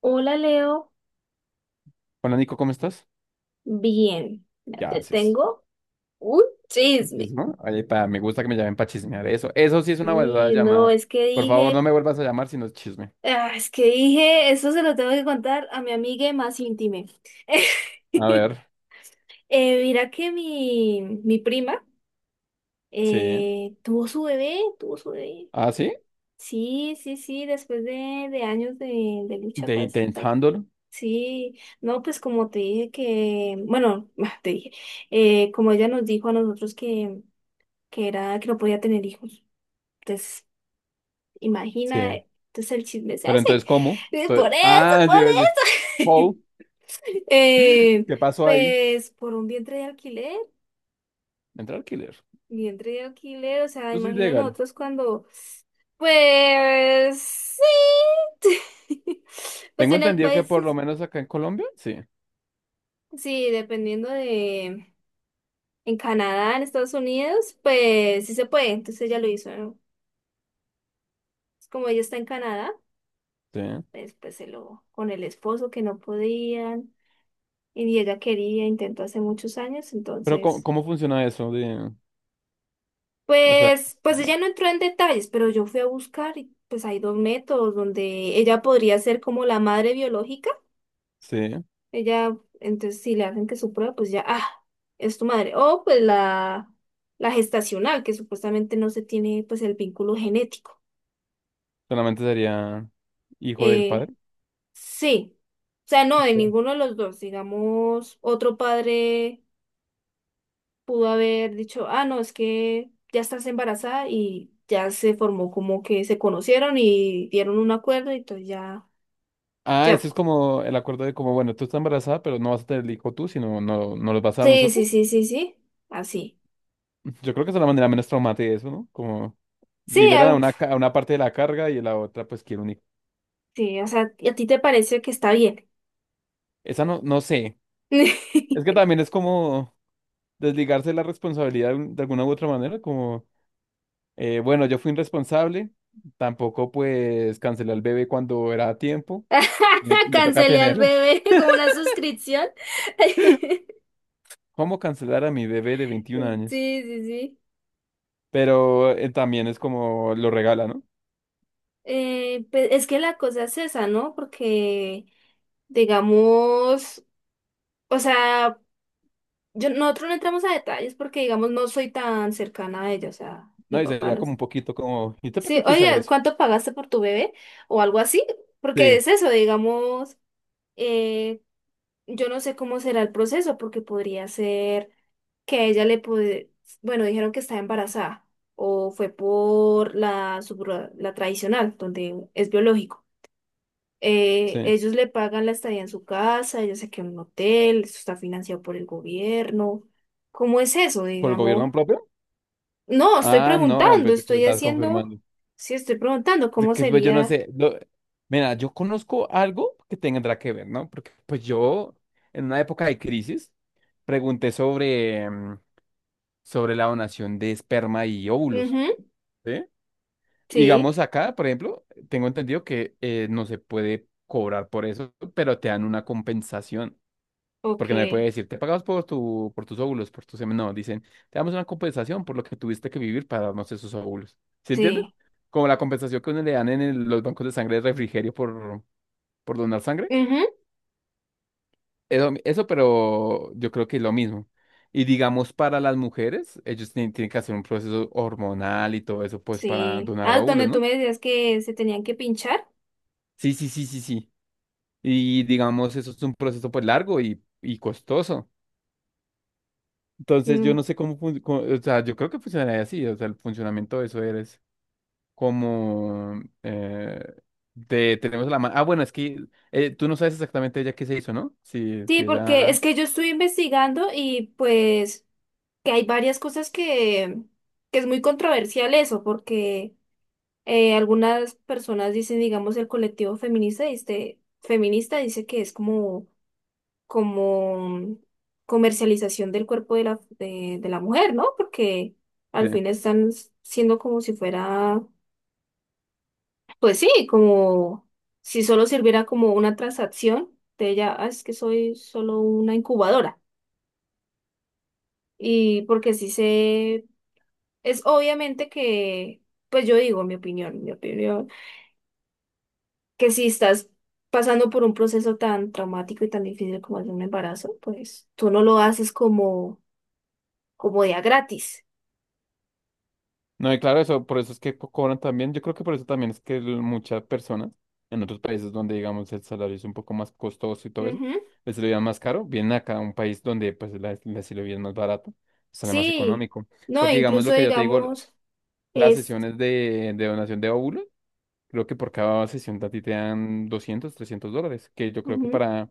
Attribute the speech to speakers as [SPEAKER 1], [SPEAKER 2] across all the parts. [SPEAKER 1] Hola Leo,
[SPEAKER 2] Hola Nico, ¿cómo estás?
[SPEAKER 1] bien, ya
[SPEAKER 2] ¿Qué
[SPEAKER 1] te
[SPEAKER 2] haces?
[SPEAKER 1] tengo un chisme.
[SPEAKER 2] Dices, ¿no? Oye, pa, me gusta que me llamen para chismear eso. Eso sí es una verdadera
[SPEAKER 1] No,
[SPEAKER 2] llamada.
[SPEAKER 1] es que
[SPEAKER 2] Por favor, no
[SPEAKER 1] dije,
[SPEAKER 2] me vuelvas a llamar si no es chisme.
[SPEAKER 1] es que dije, eso se lo tengo que contar a mi amiga más íntima.
[SPEAKER 2] A ver,
[SPEAKER 1] Mira que mi prima
[SPEAKER 2] sí.
[SPEAKER 1] tuvo su bebé, tuvo su bebé.
[SPEAKER 2] ¿Ah, sí?
[SPEAKER 1] Sí, sí, sí, después de años de lucha,
[SPEAKER 2] De
[SPEAKER 1] pues, pa-
[SPEAKER 2] intentándolo.
[SPEAKER 1] sí, no, pues como te dije que, bueno, te dije, como ella nos dijo a nosotros que era que no podía tener hijos. Entonces,
[SPEAKER 2] Sí.
[SPEAKER 1] imagina, entonces el chisme es
[SPEAKER 2] Pero
[SPEAKER 1] ese.
[SPEAKER 2] entonces, ¿cómo?
[SPEAKER 1] Eh,
[SPEAKER 2] Entonces-
[SPEAKER 1] Por eso,
[SPEAKER 2] ah,
[SPEAKER 1] por
[SPEAKER 2] yo iba a decir,
[SPEAKER 1] eso.
[SPEAKER 2] Paul,
[SPEAKER 1] Eh,
[SPEAKER 2] ¿qué pasó ahí?
[SPEAKER 1] pues por un
[SPEAKER 2] Entrar killer.
[SPEAKER 1] vientre de alquiler, o sea,
[SPEAKER 2] Eso es
[SPEAKER 1] imagina
[SPEAKER 2] ilegal.
[SPEAKER 1] nosotros cuando, pues sí. Pues
[SPEAKER 2] Tengo
[SPEAKER 1] en el
[SPEAKER 2] entendido que
[SPEAKER 1] país,
[SPEAKER 2] por lo
[SPEAKER 1] es-
[SPEAKER 2] menos acá en Colombia, sí.
[SPEAKER 1] sí, dependiendo de, en Canadá, en Estados Unidos, pues sí se puede, entonces ella lo hizo, ¿no? Es como ella está en Canadá,
[SPEAKER 2] Sí.
[SPEAKER 1] pues se lo, con el esposo que no podían. Y ella quería, intentó hace muchos años,
[SPEAKER 2] Pero ¿cómo,
[SPEAKER 1] entonces,
[SPEAKER 2] cómo funciona eso? De, o sea,
[SPEAKER 1] pues ella
[SPEAKER 2] no,
[SPEAKER 1] no entró en detalles, pero yo fui a buscar y pues hay dos métodos donde ella podría ser como la madre biológica,
[SPEAKER 2] sí.
[SPEAKER 1] ella, entonces si le hacen que su prueba, pues ya, ah, es tu madre, o pues la gestacional, que supuestamente no se tiene pues el vínculo genético.
[SPEAKER 2] Solamente sería hijo del
[SPEAKER 1] Eh,
[SPEAKER 2] padre.
[SPEAKER 1] sí, o sea, no, de ninguno de los dos, digamos, otro padre. Pudo haber dicho, ah, no, es que ya estás embarazada y ya se formó como que se conocieron y dieron un acuerdo y entonces ya,
[SPEAKER 2] Ah,
[SPEAKER 1] ya.
[SPEAKER 2] ese es como el acuerdo de como, bueno, tú estás embarazada, pero no vas a tener el hijo tú, sino no, no los vas a dar a
[SPEAKER 1] Sí, sí,
[SPEAKER 2] nosotros.
[SPEAKER 1] sí, sí, sí, así.
[SPEAKER 2] Yo creo que es la manera menos traumática de eso, ¿no? Como
[SPEAKER 1] Sí,
[SPEAKER 2] liberan a
[SPEAKER 1] algo,
[SPEAKER 2] una, ca- a una parte de la carga y a la otra pues quiere un hijo.
[SPEAKER 1] sí, o sea, ¿y a ti te parece que está bien?
[SPEAKER 2] Esa no, no sé. Es que también es como desligarse de la responsabilidad de un- de alguna u otra manera, como, bueno, yo fui irresponsable, tampoco pues cancelé al bebé cuando era a tiempo, me toca
[SPEAKER 1] Cancelé al
[SPEAKER 2] tenerlo.
[SPEAKER 1] bebé como una suscripción.
[SPEAKER 2] ¿Cómo cancelar a mi bebé de 21
[SPEAKER 1] Sí,
[SPEAKER 2] años?
[SPEAKER 1] sí, sí.
[SPEAKER 2] Pero también es como lo regala, ¿no?
[SPEAKER 1] Pues, es que la cosa es esa, ¿no? Porque, digamos, o sea... Yo, nosotros no entramos a detalles porque, digamos, no soy tan cercana a ella, o sea, mi
[SPEAKER 2] No, y
[SPEAKER 1] papá
[SPEAKER 2] sería
[SPEAKER 1] no
[SPEAKER 2] como
[SPEAKER 1] es.
[SPEAKER 2] un poquito como, ¿y usted para
[SPEAKER 1] Sí,
[SPEAKER 2] qué quiere saber
[SPEAKER 1] oye,
[SPEAKER 2] eso?
[SPEAKER 1] ¿cuánto pagaste por tu bebé? O algo así, porque
[SPEAKER 2] Sí,
[SPEAKER 1] es eso, digamos, eh, yo no sé cómo será el proceso, porque podría ser que a ella le puede, bueno, dijeron que está embarazada, o fue por la, la tradicional, donde es biológico. Eh,
[SPEAKER 2] sí.
[SPEAKER 1] ellos le pagan la estadía en su casa, ella se queda en un hotel, eso está financiado por el gobierno. ¿Cómo es eso,
[SPEAKER 2] ¿Por el
[SPEAKER 1] digamos?
[SPEAKER 2] gobierno propio?
[SPEAKER 1] No, estoy
[SPEAKER 2] Ah, no,
[SPEAKER 1] preguntando,
[SPEAKER 2] pensé que me
[SPEAKER 1] estoy
[SPEAKER 2] estás
[SPEAKER 1] haciendo,
[SPEAKER 2] confirmando.
[SPEAKER 1] sí, estoy preguntando
[SPEAKER 2] De
[SPEAKER 1] cómo
[SPEAKER 2] que pues yo no
[SPEAKER 1] sería.
[SPEAKER 2] sé. Lo- mira, yo conozco algo que tendrá que ver, ¿no? Porque pues yo, en una época de crisis, pregunté sobre, sobre la donación de esperma y óvulos,
[SPEAKER 1] Ujú,
[SPEAKER 2] ¿sí?
[SPEAKER 1] sí,
[SPEAKER 2] Digamos acá, por ejemplo, tengo entendido que no se puede cobrar por eso, pero te dan una compensación.
[SPEAKER 1] ok,
[SPEAKER 2] Porque no me puede decir, te pagamos por tu, por tus óvulos, por tus semen. No, dicen, te damos una compensación por lo que tuviste que vivir para darnos esos óvulos. ¿Sí entiendes?
[SPEAKER 1] sí,
[SPEAKER 2] Como la compensación que uno le dan en el- los bancos de sangre de refrigerio por donar sangre.
[SPEAKER 1] ujú,
[SPEAKER 2] Eso, pero yo creo que es lo mismo. Y digamos, para las mujeres, ellos tienen que hacer un proceso hormonal y todo eso, pues, para
[SPEAKER 1] sí.
[SPEAKER 2] donar
[SPEAKER 1] Ah,
[SPEAKER 2] óvulos,
[SPEAKER 1] donde tú
[SPEAKER 2] ¿no?
[SPEAKER 1] me decías que se tenían que pinchar.
[SPEAKER 2] Sí, sí, sí, sí, sí. Y digamos, eso es un proceso, pues, largo y costoso. Entonces, yo
[SPEAKER 1] Mm,
[SPEAKER 2] no sé cómo, fun- cómo- o sea, yo creo que funcionaría así, o sea, el funcionamiento de eso es como, de, tenemos la mano, ah, bueno, es que tú no sabes exactamente ella qué se hizo, ¿no? Si,
[SPEAKER 1] sí,
[SPEAKER 2] si
[SPEAKER 1] porque
[SPEAKER 2] ella,
[SPEAKER 1] es que yo estoy investigando y pues que hay varias cosas que es muy controversial eso, porque algunas personas dicen, digamos, el colectivo feminista, este, feminista dice que es como como comercialización del cuerpo de la, de la mujer, ¿no? Porque
[SPEAKER 2] sí.
[SPEAKER 1] al fin están siendo como si fuera, pues sí, como si solo sirviera como una transacción de ella, "Ah, es que soy solo una incubadora". Y porque sí se, es obviamente que, pues yo digo mi opinión, que si estás pasando por un proceso tan traumático y tan difícil como es un embarazo, pues tú no lo haces como, como día gratis.
[SPEAKER 2] No, y claro, eso, por eso es que co- cobran también, yo creo que por eso también es que el- muchas personas en otros países donde, digamos, el salario es un poco más costoso y todo eso,
[SPEAKER 1] Ujú.
[SPEAKER 2] les lo más caro, vienen acá a un país donde, pues, la es más barato, sale más
[SPEAKER 1] Sí,
[SPEAKER 2] económico,
[SPEAKER 1] no,
[SPEAKER 2] porque, digamos,
[SPEAKER 1] incluso
[SPEAKER 2] lo que yo te digo,
[SPEAKER 1] digamos,
[SPEAKER 2] las
[SPEAKER 1] es,
[SPEAKER 2] sesiones de donación de óvulos, creo que por cada sesión a ti te dan $200 $300, que yo creo que
[SPEAKER 1] ujú.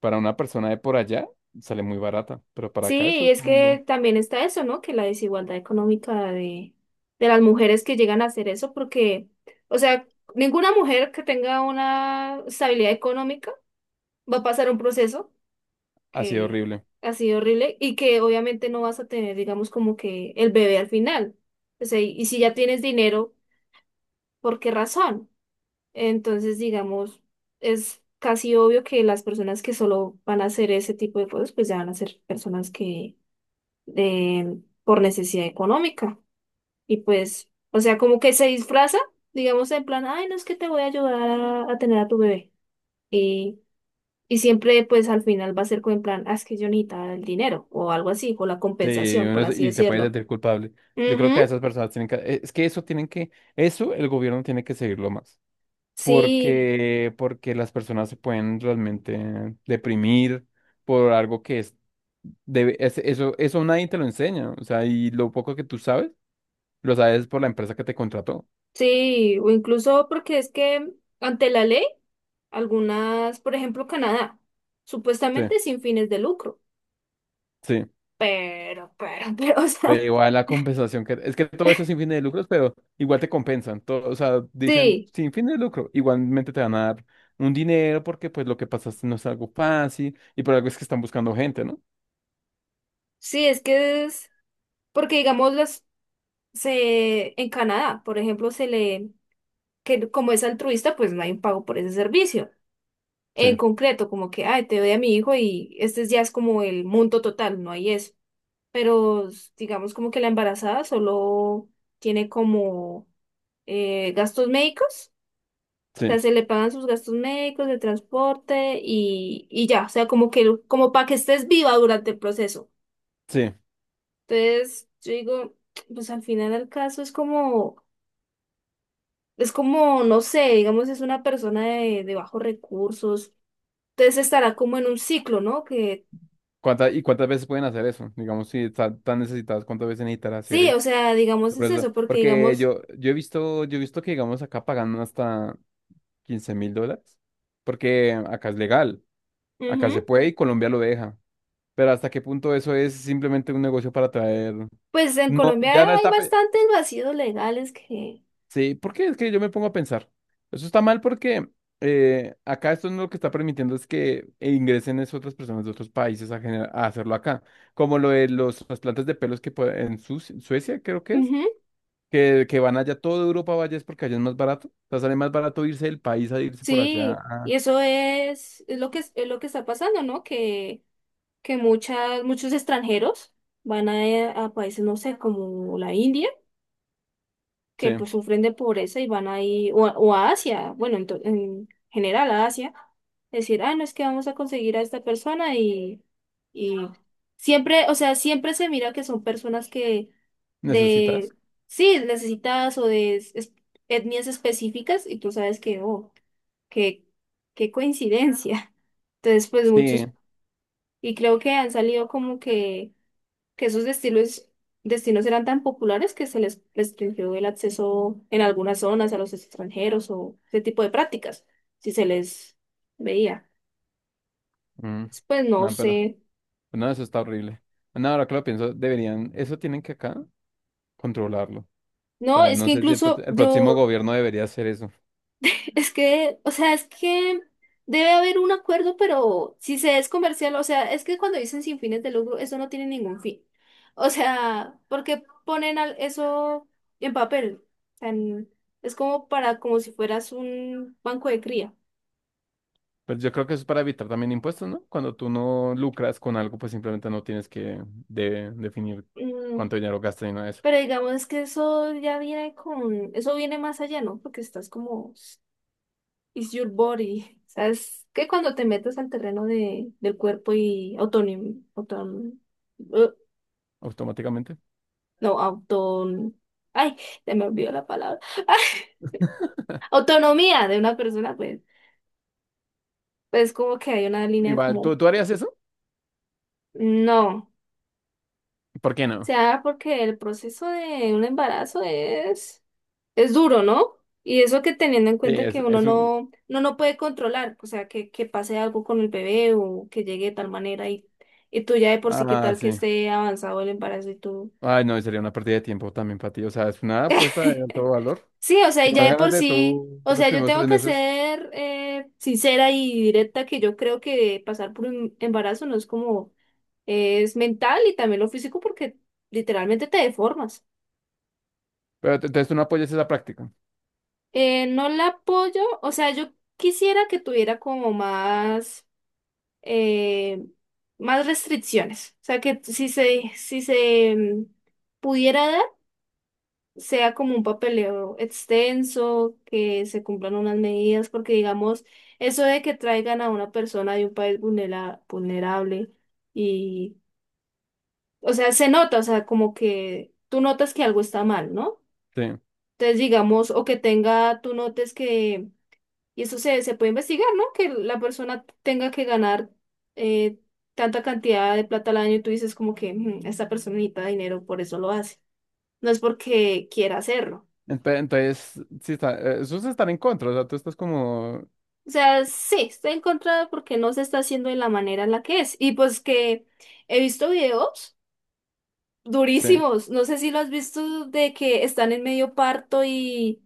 [SPEAKER 2] para una persona de por allá sale muy barata, pero para acá eso
[SPEAKER 1] Sí,
[SPEAKER 2] es
[SPEAKER 1] es
[SPEAKER 2] un
[SPEAKER 1] que
[SPEAKER 2] boom.
[SPEAKER 1] también está eso, ¿no? Que la desigualdad económica de las mujeres que llegan a hacer eso, porque, o sea, ninguna mujer que tenga una estabilidad económica va a pasar un proceso
[SPEAKER 2] Ha sido
[SPEAKER 1] que
[SPEAKER 2] horrible.
[SPEAKER 1] ha sido horrible y que obviamente no vas a tener, digamos, como que el bebé al final. O sea, y si ya tienes dinero, ¿por qué razón? Entonces, digamos, es casi obvio que las personas que solo van a hacer ese tipo de cosas, pues ya van a ser personas que eh, por necesidad económica. Y pues, o sea, como que se disfraza, digamos, en plan, ay, no es que te voy a ayudar a tener a tu bebé. Y, y siempre, pues al final va a ser como en plan, ah, es que yo necesitaba el dinero o algo así, o la
[SPEAKER 2] Sí,
[SPEAKER 1] compensación,
[SPEAKER 2] uno
[SPEAKER 1] por
[SPEAKER 2] es-
[SPEAKER 1] así
[SPEAKER 2] y te puedes
[SPEAKER 1] decirlo.
[SPEAKER 2] sentir culpable. Yo creo que a
[SPEAKER 1] Ujú,
[SPEAKER 2] esas personas tienen que... Es que eso tienen que... Eso el gobierno tiene que seguirlo más.
[SPEAKER 1] sí,
[SPEAKER 2] Porque, porque las personas se pueden realmente deprimir por algo que es... Debe, es- eso nadie te lo enseña. O sea, y lo poco que tú sabes, lo sabes por la empresa que te contrató.
[SPEAKER 1] sí, o incluso porque es que ante la ley. Algunas, por ejemplo, Canadá,
[SPEAKER 2] Sí.
[SPEAKER 1] supuestamente sin fines de lucro,
[SPEAKER 2] Sí.
[SPEAKER 1] pero, pero, o
[SPEAKER 2] Pero
[SPEAKER 1] sea,
[SPEAKER 2] igual la compensación que... Es que todo eso es sin fines de lucros, pero igual te compensan. Todo, o sea, dicen
[SPEAKER 1] sí,
[SPEAKER 2] sin fines de lucro. Igualmente te van a dar un dinero porque pues lo que pasaste no es algo fácil y por algo es que están buscando gente, ¿no?
[SPEAKER 1] sí, es que es, porque digamos, las, se, en Canadá, por ejemplo, se le, que como es altruista, pues no hay un pago por ese servicio. En
[SPEAKER 2] Sí,
[SPEAKER 1] concreto, como que, ay, te doy a mi hijo y este ya es como el monto total, no hay eso. Pero digamos como que la embarazada solo tiene como gastos médicos sea,
[SPEAKER 2] sí,
[SPEAKER 1] se le pagan sus gastos médicos, de transporte y ya, o sea, como que, como para que estés viva durante el proceso.
[SPEAKER 2] sí.
[SPEAKER 1] Entonces, yo digo, pues al final del caso es como, no sé, digamos, es una persona de bajos recursos, entonces estará como en un ciclo, ¿no? Que
[SPEAKER 2] ¿Cuánta y cuántas veces pueden hacer eso? Digamos, si están tan necesitadas, ¿cuántas veces necesitará hacer
[SPEAKER 1] sí, o sea, digamos,
[SPEAKER 2] el
[SPEAKER 1] es
[SPEAKER 2] proceso?
[SPEAKER 1] eso, porque
[SPEAKER 2] Porque
[SPEAKER 1] digamos,
[SPEAKER 2] yo, yo he visto que, digamos, acá pagan hasta $15,000 porque acá es legal. Acá se
[SPEAKER 1] ujú,
[SPEAKER 2] puede y Colombia lo deja. Pero hasta qué punto eso es simplemente un negocio para traer.
[SPEAKER 1] pues en
[SPEAKER 2] No,
[SPEAKER 1] Colombia
[SPEAKER 2] ya no
[SPEAKER 1] hay
[SPEAKER 2] está. Pe-
[SPEAKER 1] bastantes vacíos legales que,
[SPEAKER 2] sí, porque es que yo me pongo a pensar. Eso está mal porque acá esto no lo que está permitiendo es que ingresen es otras personas de otros países a, gener- a hacerlo acá. Como lo de los, las plantas de pelos que puede- en Suci- Suecia, creo que es,
[SPEAKER 1] ujú,
[SPEAKER 2] que van allá, toda Europa vaya es porque allá es más barato. O sea, sale más barato irse del país a irse por
[SPEAKER 1] sí,
[SPEAKER 2] allá.
[SPEAKER 1] y eso es lo que está pasando, ¿no? Que muchas, muchos extranjeros van a países, no sé, como la India, que
[SPEAKER 2] Sí,
[SPEAKER 1] pues sufren de pobreza y van ahí, o, o a Asia, bueno, en, en general a Asia, decir, ah, no es que vamos a conseguir a esta persona y siempre, o sea, siempre se mira que son personas que de,
[SPEAKER 2] necesitas.
[SPEAKER 1] sí, necesitadas o de etnias específicas y tú sabes que, oh, que, qué coincidencia. Entonces, pues
[SPEAKER 2] Sí.
[SPEAKER 1] muchos, y creo que han salido como que esos destinos, destinos eran tan populares que se les restringió el acceso en algunas zonas a los extranjeros o ese tipo de prácticas, si se les veía.
[SPEAKER 2] Mm.
[SPEAKER 1] Pues no
[SPEAKER 2] No, pero.
[SPEAKER 1] sé.
[SPEAKER 2] No, eso está horrible. No, ahora que lo pienso, deberían, eso tienen que acá controlarlo. O
[SPEAKER 1] No,
[SPEAKER 2] sea,
[SPEAKER 1] es
[SPEAKER 2] no
[SPEAKER 1] que
[SPEAKER 2] sé si el, pro-
[SPEAKER 1] incluso
[SPEAKER 2] el próximo
[SPEAKER 1] yo,
[SPEAKER 2] gobierno debería hacer eso.
[SPEAKER 1] es que, o sea, es que debe haber un acuerdo, pero si se es comercial, o sea, es que cuando dicen sin fines de lucro, eso no tiene ningún fin. O sea, porque eso en papel? Tan- es como para, como si fueras un banco de cría.
[SPEAKER 2] Pero yo creo que eso es para evitar también impuestos, ¿no? Cuando tú no lucras con algo, pues simplemente no tienes que de- definir
[SPEAKER 1] Mm,
[SPEAKER 2] cuánto dinero gastas y nada de eso,
[SPEAKER 1] pero digamos que eso ya viene con, eso viene más allá, ¿no? Porque estás como, it's your body. ¿Sabes? Que cuando te metes al terreno de, del cuerpo y autonim, auton, eh,
[SPEAKER 2] automáticamente.
[SPEAKER 1] no, auton, ay, se me olvidó la palabra. Ay, autonomía de una persona, pues, pues como que hay una línea
[SPEAKER 2] Igual,
[SPEAKER 1] como,
[SPEAKER 2] tú harías eso?
[SPEAKER 1] no.
[SPEAKER 2] ¿Por qué
[SPEAKER 1] O
[SPEAKER 2] no?
[SPEAKER 1] sea, porque el proceso de un embarazo es duro, ¿no? Y eso que teniendo en
[SPEAKER 2] Sí,
[SPEAKER 1] cuenta que uno
[SPEAKER 2] es un...
[SPEAKER 1] no puede controlar, o sea, que pase algo con el bebé o que llegue de tal manera y tú ya de por sí, qué
[SPEAKER 2] Ah,
[SPEAKER 1] tal que
[SPEAKER 2] sí.
[SPEAKER 1] esté avanzado el embarazo y tú...
[SPEAKER 2] Ay, no, y sería una pérdida de tiempo también para ti. O sea, es una apuesta de alto valor.
[SPEAKER 1] Sí, o sea, y ya de por
[SPEAKER 2] Imagínate
[SPEAKER 1] sí,
[SPEAKER 2] tú
[SPEAKER 1] o
[SPEAKER 2] los
[SPEAKER 1] sea, yo
[SPEAKER 2] primeros
[SPEAKER 1] tengo
[SPEAKER 2] tres
[SPEAKER 1] que
[SPEAKER 2] meses.
[SPEAKER 1] ser sincera y directa que yo creo que pasar por un embarazo no es como, es mental y también lo físico porque literalmente te deformas.
[SPEAKER 2] Pero te- entonces tú no apoyas esa práctica.
[SPEAKER 1] No la apoyo, o sea, yo quisiera que tuviera como más... eh, más restricciones. O sea, que si se, si se mm, pudiera dar, sea como un papeleo extenso, que se cumplan unas medidas, porque digamos, eso de que traigan a una persona de un país vulnerable y, o sea, se nota, o sea, como que tú notas que algo está mal, ¿no?
[SPEAKER 2] Sí.
[SPEAKER 1] Entonces, digamos, o que tenga, tú notes que y eso se, se puede investigar, ¿no? Que la persona tenga que ganar eh, tanta cantidad de plata al año y tú dices como que "Mm, esta persona necesita dinero, por eso lo hace. No es porque quiera hacerlo".
[SPEAKER 2] Ente- entonces, sí está, esos están en contra, o sea, tú estás como,
[SPEAKER 1] O sea, sí, está en contra porque no se está haciendo de la manera en la que es. Y pues que he visto videos
[SPEAKER 2] sí,
[SPEAKER 1] durísimos, no sé si lo has visto, de que están en medio parto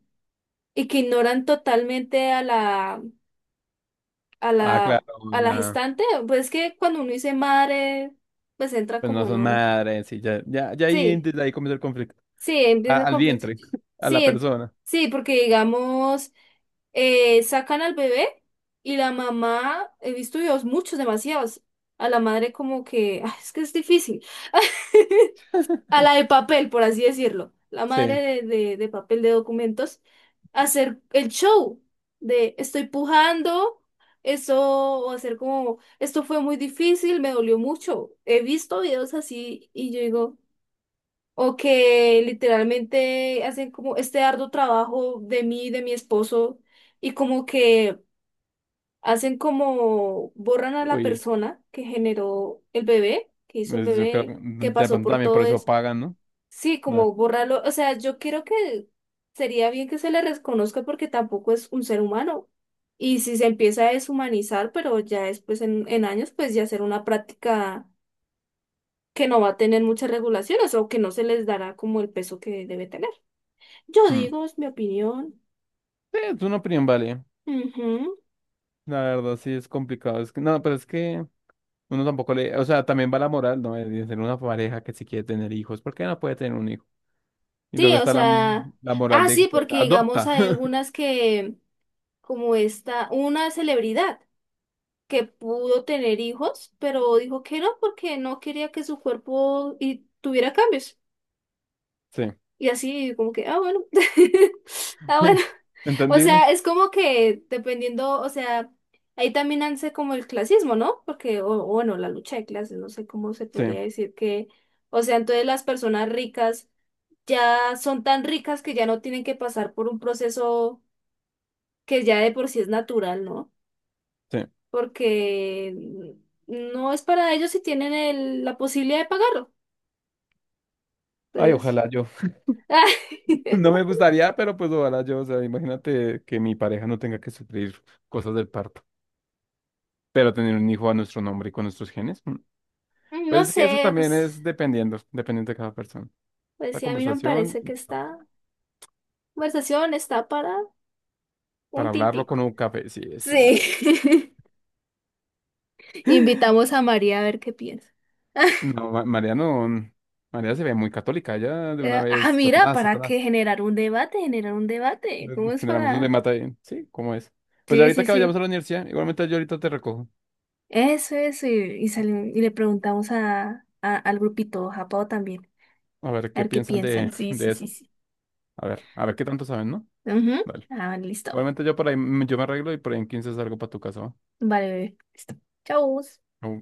[SPEAKER 1] y que ignoran totalmente a la, a
[SPEAKER 2] ah,
[SPEAKER 1] la,
[SPEAKER 2] claro,
[SPEAKER 1] a la
[SPEAKER 2] la-
[SPEAKER 1] gestante, pues es que cuando uno dice madre, pues entra
[SPEAKER 2] pues
[SPEAKER 1] como
[SPEAKER 2] no
[SPEAKER 1] en
[SPEAKER 2] son
[SPEAKER 1] un...
[SPEAKER 2] madres, y ya, ya, ya ahí,
[SPEAKER 1] Sí,
[SPEAKER 2] desde ahí comienza el conflicto.
[SPEAKER 1] sí, empieza
[SPEAKER 2] A-
[SPEAKER 1] el
[SPEAKER 2] al
[SPEAKER 1] conflicto.
[SPEAKER 2] vientre, a la
[SPEAKER 1] Sí,
[SPEAKER 2] persona,
[SPEAKER 1] sí, porque digamos, sacan al bebé y la mamá, he visto videos muchos, demasiados, a la madre como que, "Ah, es que es difícil". A la de papel, por así decirlo, la madre
[SPEAKER 2] sí,
[SPEAKER 1] de, de papel de documentos, hacer el show de estoy pujando, eso, o hacer como, esto fue muy difícil, me dolió mucho. He visto videos así y yo digo, o que literalmente hacen como este arduo trabajo de mí, de mi esposo, y como que hacen como, borran a la
[SPEAKER 2] uy,
[SPEAKER 1] persona que generó el bebé, que hizo el
[SPEAKER 2] pues yo creo,
[SPEAKER 1] bebé,
[SPEAKER 2] que
[SPEAKER 1] que
[SPEAKER 2] de
[SPEAKER 1] pasó
[SPEAKER 2] pronto
[SPEAKER 1] por
[SPEAKER 2] también por
[SPEAKER 1] todo.
[SPEAKER 2] eso pagan, ¿no?
[SPEAKER 1] Sí,
[SPEAKER 2] Da.
[SPEAKER 1] como borrarlo, o sea, yo creo que sería bien que se le reconozca porque tampoco es un ser humano. Y si se empieza a deshumanizar, pero ya después en años, pues ya será una práctica que no va a tener muchas regulaciones o que no se les dará como el peso que debe tener. Yo
[SPEAKER 2] Hmm.
[SPEAKER 1] digo, es mi opinión.
[SPEAKER 2] Sí, es una opinión, vale,
[SPEAKER 1] Ujú.
[SPEAKER 2] la verdad, sí, es complicado, es que, no, pero es que uno tampoco le, o sea, también va la moral, ¿no? De tener una pareja que si quiere tener hijos, ¿por qué no puede tener un hijo? Y
[SPEAKER 1] Sí,
[SPEAKER 2] luego
[SPEAKER 1] o
[SPEAKER 2] está la,
[SPEAKER 1] sea,
[SPEAKER 2] la moral
[SPEAKER 1] ah,
[SPEAKER 2] de que,
[SPEAKER 1] sí,
[SPEAKER 2] pues,
[SPEAKER 1] porque digamos
[SPEAKER 2] adopta,
[SPEAKER 1] hay algunas que, como esta, una celebridad. Que pudo tener hijos, pero dijo que no porque no quería que su cuerpo y tuviera cambios.
[SPEAKER 2] sí.
[SPEAKER 1] Y así como que, ah, bueno, ah, bueno. O
[SPEAKER 2] ¿Entendible?
[SPEAKER 1] sea, es como que dependiendo, o sea, ahí también hace como el clasismo, ¿no? Porque, o bueno, la lucha de clases, no sé cómo se
[SPEAKER 2] Sí,
[SPEAKER 1] podría decir que, o sea, entonces las personas ricas ya son tan ricas que ya no tienen que pasar por un proceso que ya de por sí es natural, ¿no?
[SPEAKER 2] sí.
[SPEAKER 1] Porque no es para ellos si tienen la posibilidad de pagarlo.
[SPEAKER 2] Ay,
[SPEAKER 1] Pues,
[SPEAKER 2] ojalá yo. No me gustaría, pero pues ojalá yo. O sea, imagínate que mi pareja no tenga que sufrir cosas del parto, pero tener un hijo a nuestro nombre y con nuestros genes. Mm.
[SPEAKER 1] no
[SPEAKER 2] Pues es que eso
[SPEAKER 1] sé,
[SPEAKER 2] también
[SPEAKER 1] pues,
[SPEAKER 2] es dependiendo, dependiendo de cada persona.
[SPEAKER 1] pues
[SPEAKER 2] La
[SPEAKER 1] sí, a mí no me
[SPEAKER 2] conversación,
[SPEAKER 1] parece que esta conversación está para un
[SPEAKER 2] para hablarlo
[SPEAKER 1] tintico.
[SPEAKER 2] con un café, sí,
[SPEAKER 1] Sí.
[SPEAKER 2] esa.
[SPEAKER 1] Invitamos a María a ver qué piensa.
[SPEAKER 2] No, Ma- María no. Mm, María se ve muy católica, ya de una
[SPEAKER 1] Eh, ah,
[SPEAKER 2] vez,
[SPEAKER 1] mira,
[SPEAKER 2] Satanás,
[SPEAKER 1] ¿para qué
[SPEAKER 2] Satanás.
[SPEAKER 1] generar un debate? Generar un debate. ¿Cómo es
[SPEAKER 2] Generamos un
[SPEAKER 1] para...?
[SPEAKER 2] demata ahí. Sí, ¿cómo es? Pues
[SPEAKER 1] Sí,
[SPEAKER 2] ahorita
[SPEAKER 1] sí,
[SPEAKER 2] que vayamos a
[SPEAKER 1] sí.
[SPEAKER 2] la universidad, igualmente yo ahorita te recojo.
[SPEAKER 1] Eso, eso. Y, y le preguntamos a, al grupito Japao también.
[SPEAKER 2] A ver
[SPEAKER 1] A
[SPEAKER 2] qué
[SPEAKER 1] ver qué
[SPEAKER 2] piensan
[SPEAKER 1] piensan. Sí,
[SPEAKER 2] de
[SPEAKER 1] sí, sí,
[SPEAKER 2] eso.
[SPEAKER 1] sí.
[SPEAKER 2] A ver qué tanto saben, ¿no?
[SPEAKER 1] Ujú.
[SPEAKER 2] Dale.
[SPEAKER 1] Ah, listo.
[SPEAKER 2] Obviamente yo por ahí, me- yo me arreglo y por ahí en 15 salgo para tu casa, ¿va?
[SPEAKER 1] Vale, bebé. Listo. Chau.
[SPEAKER 2] O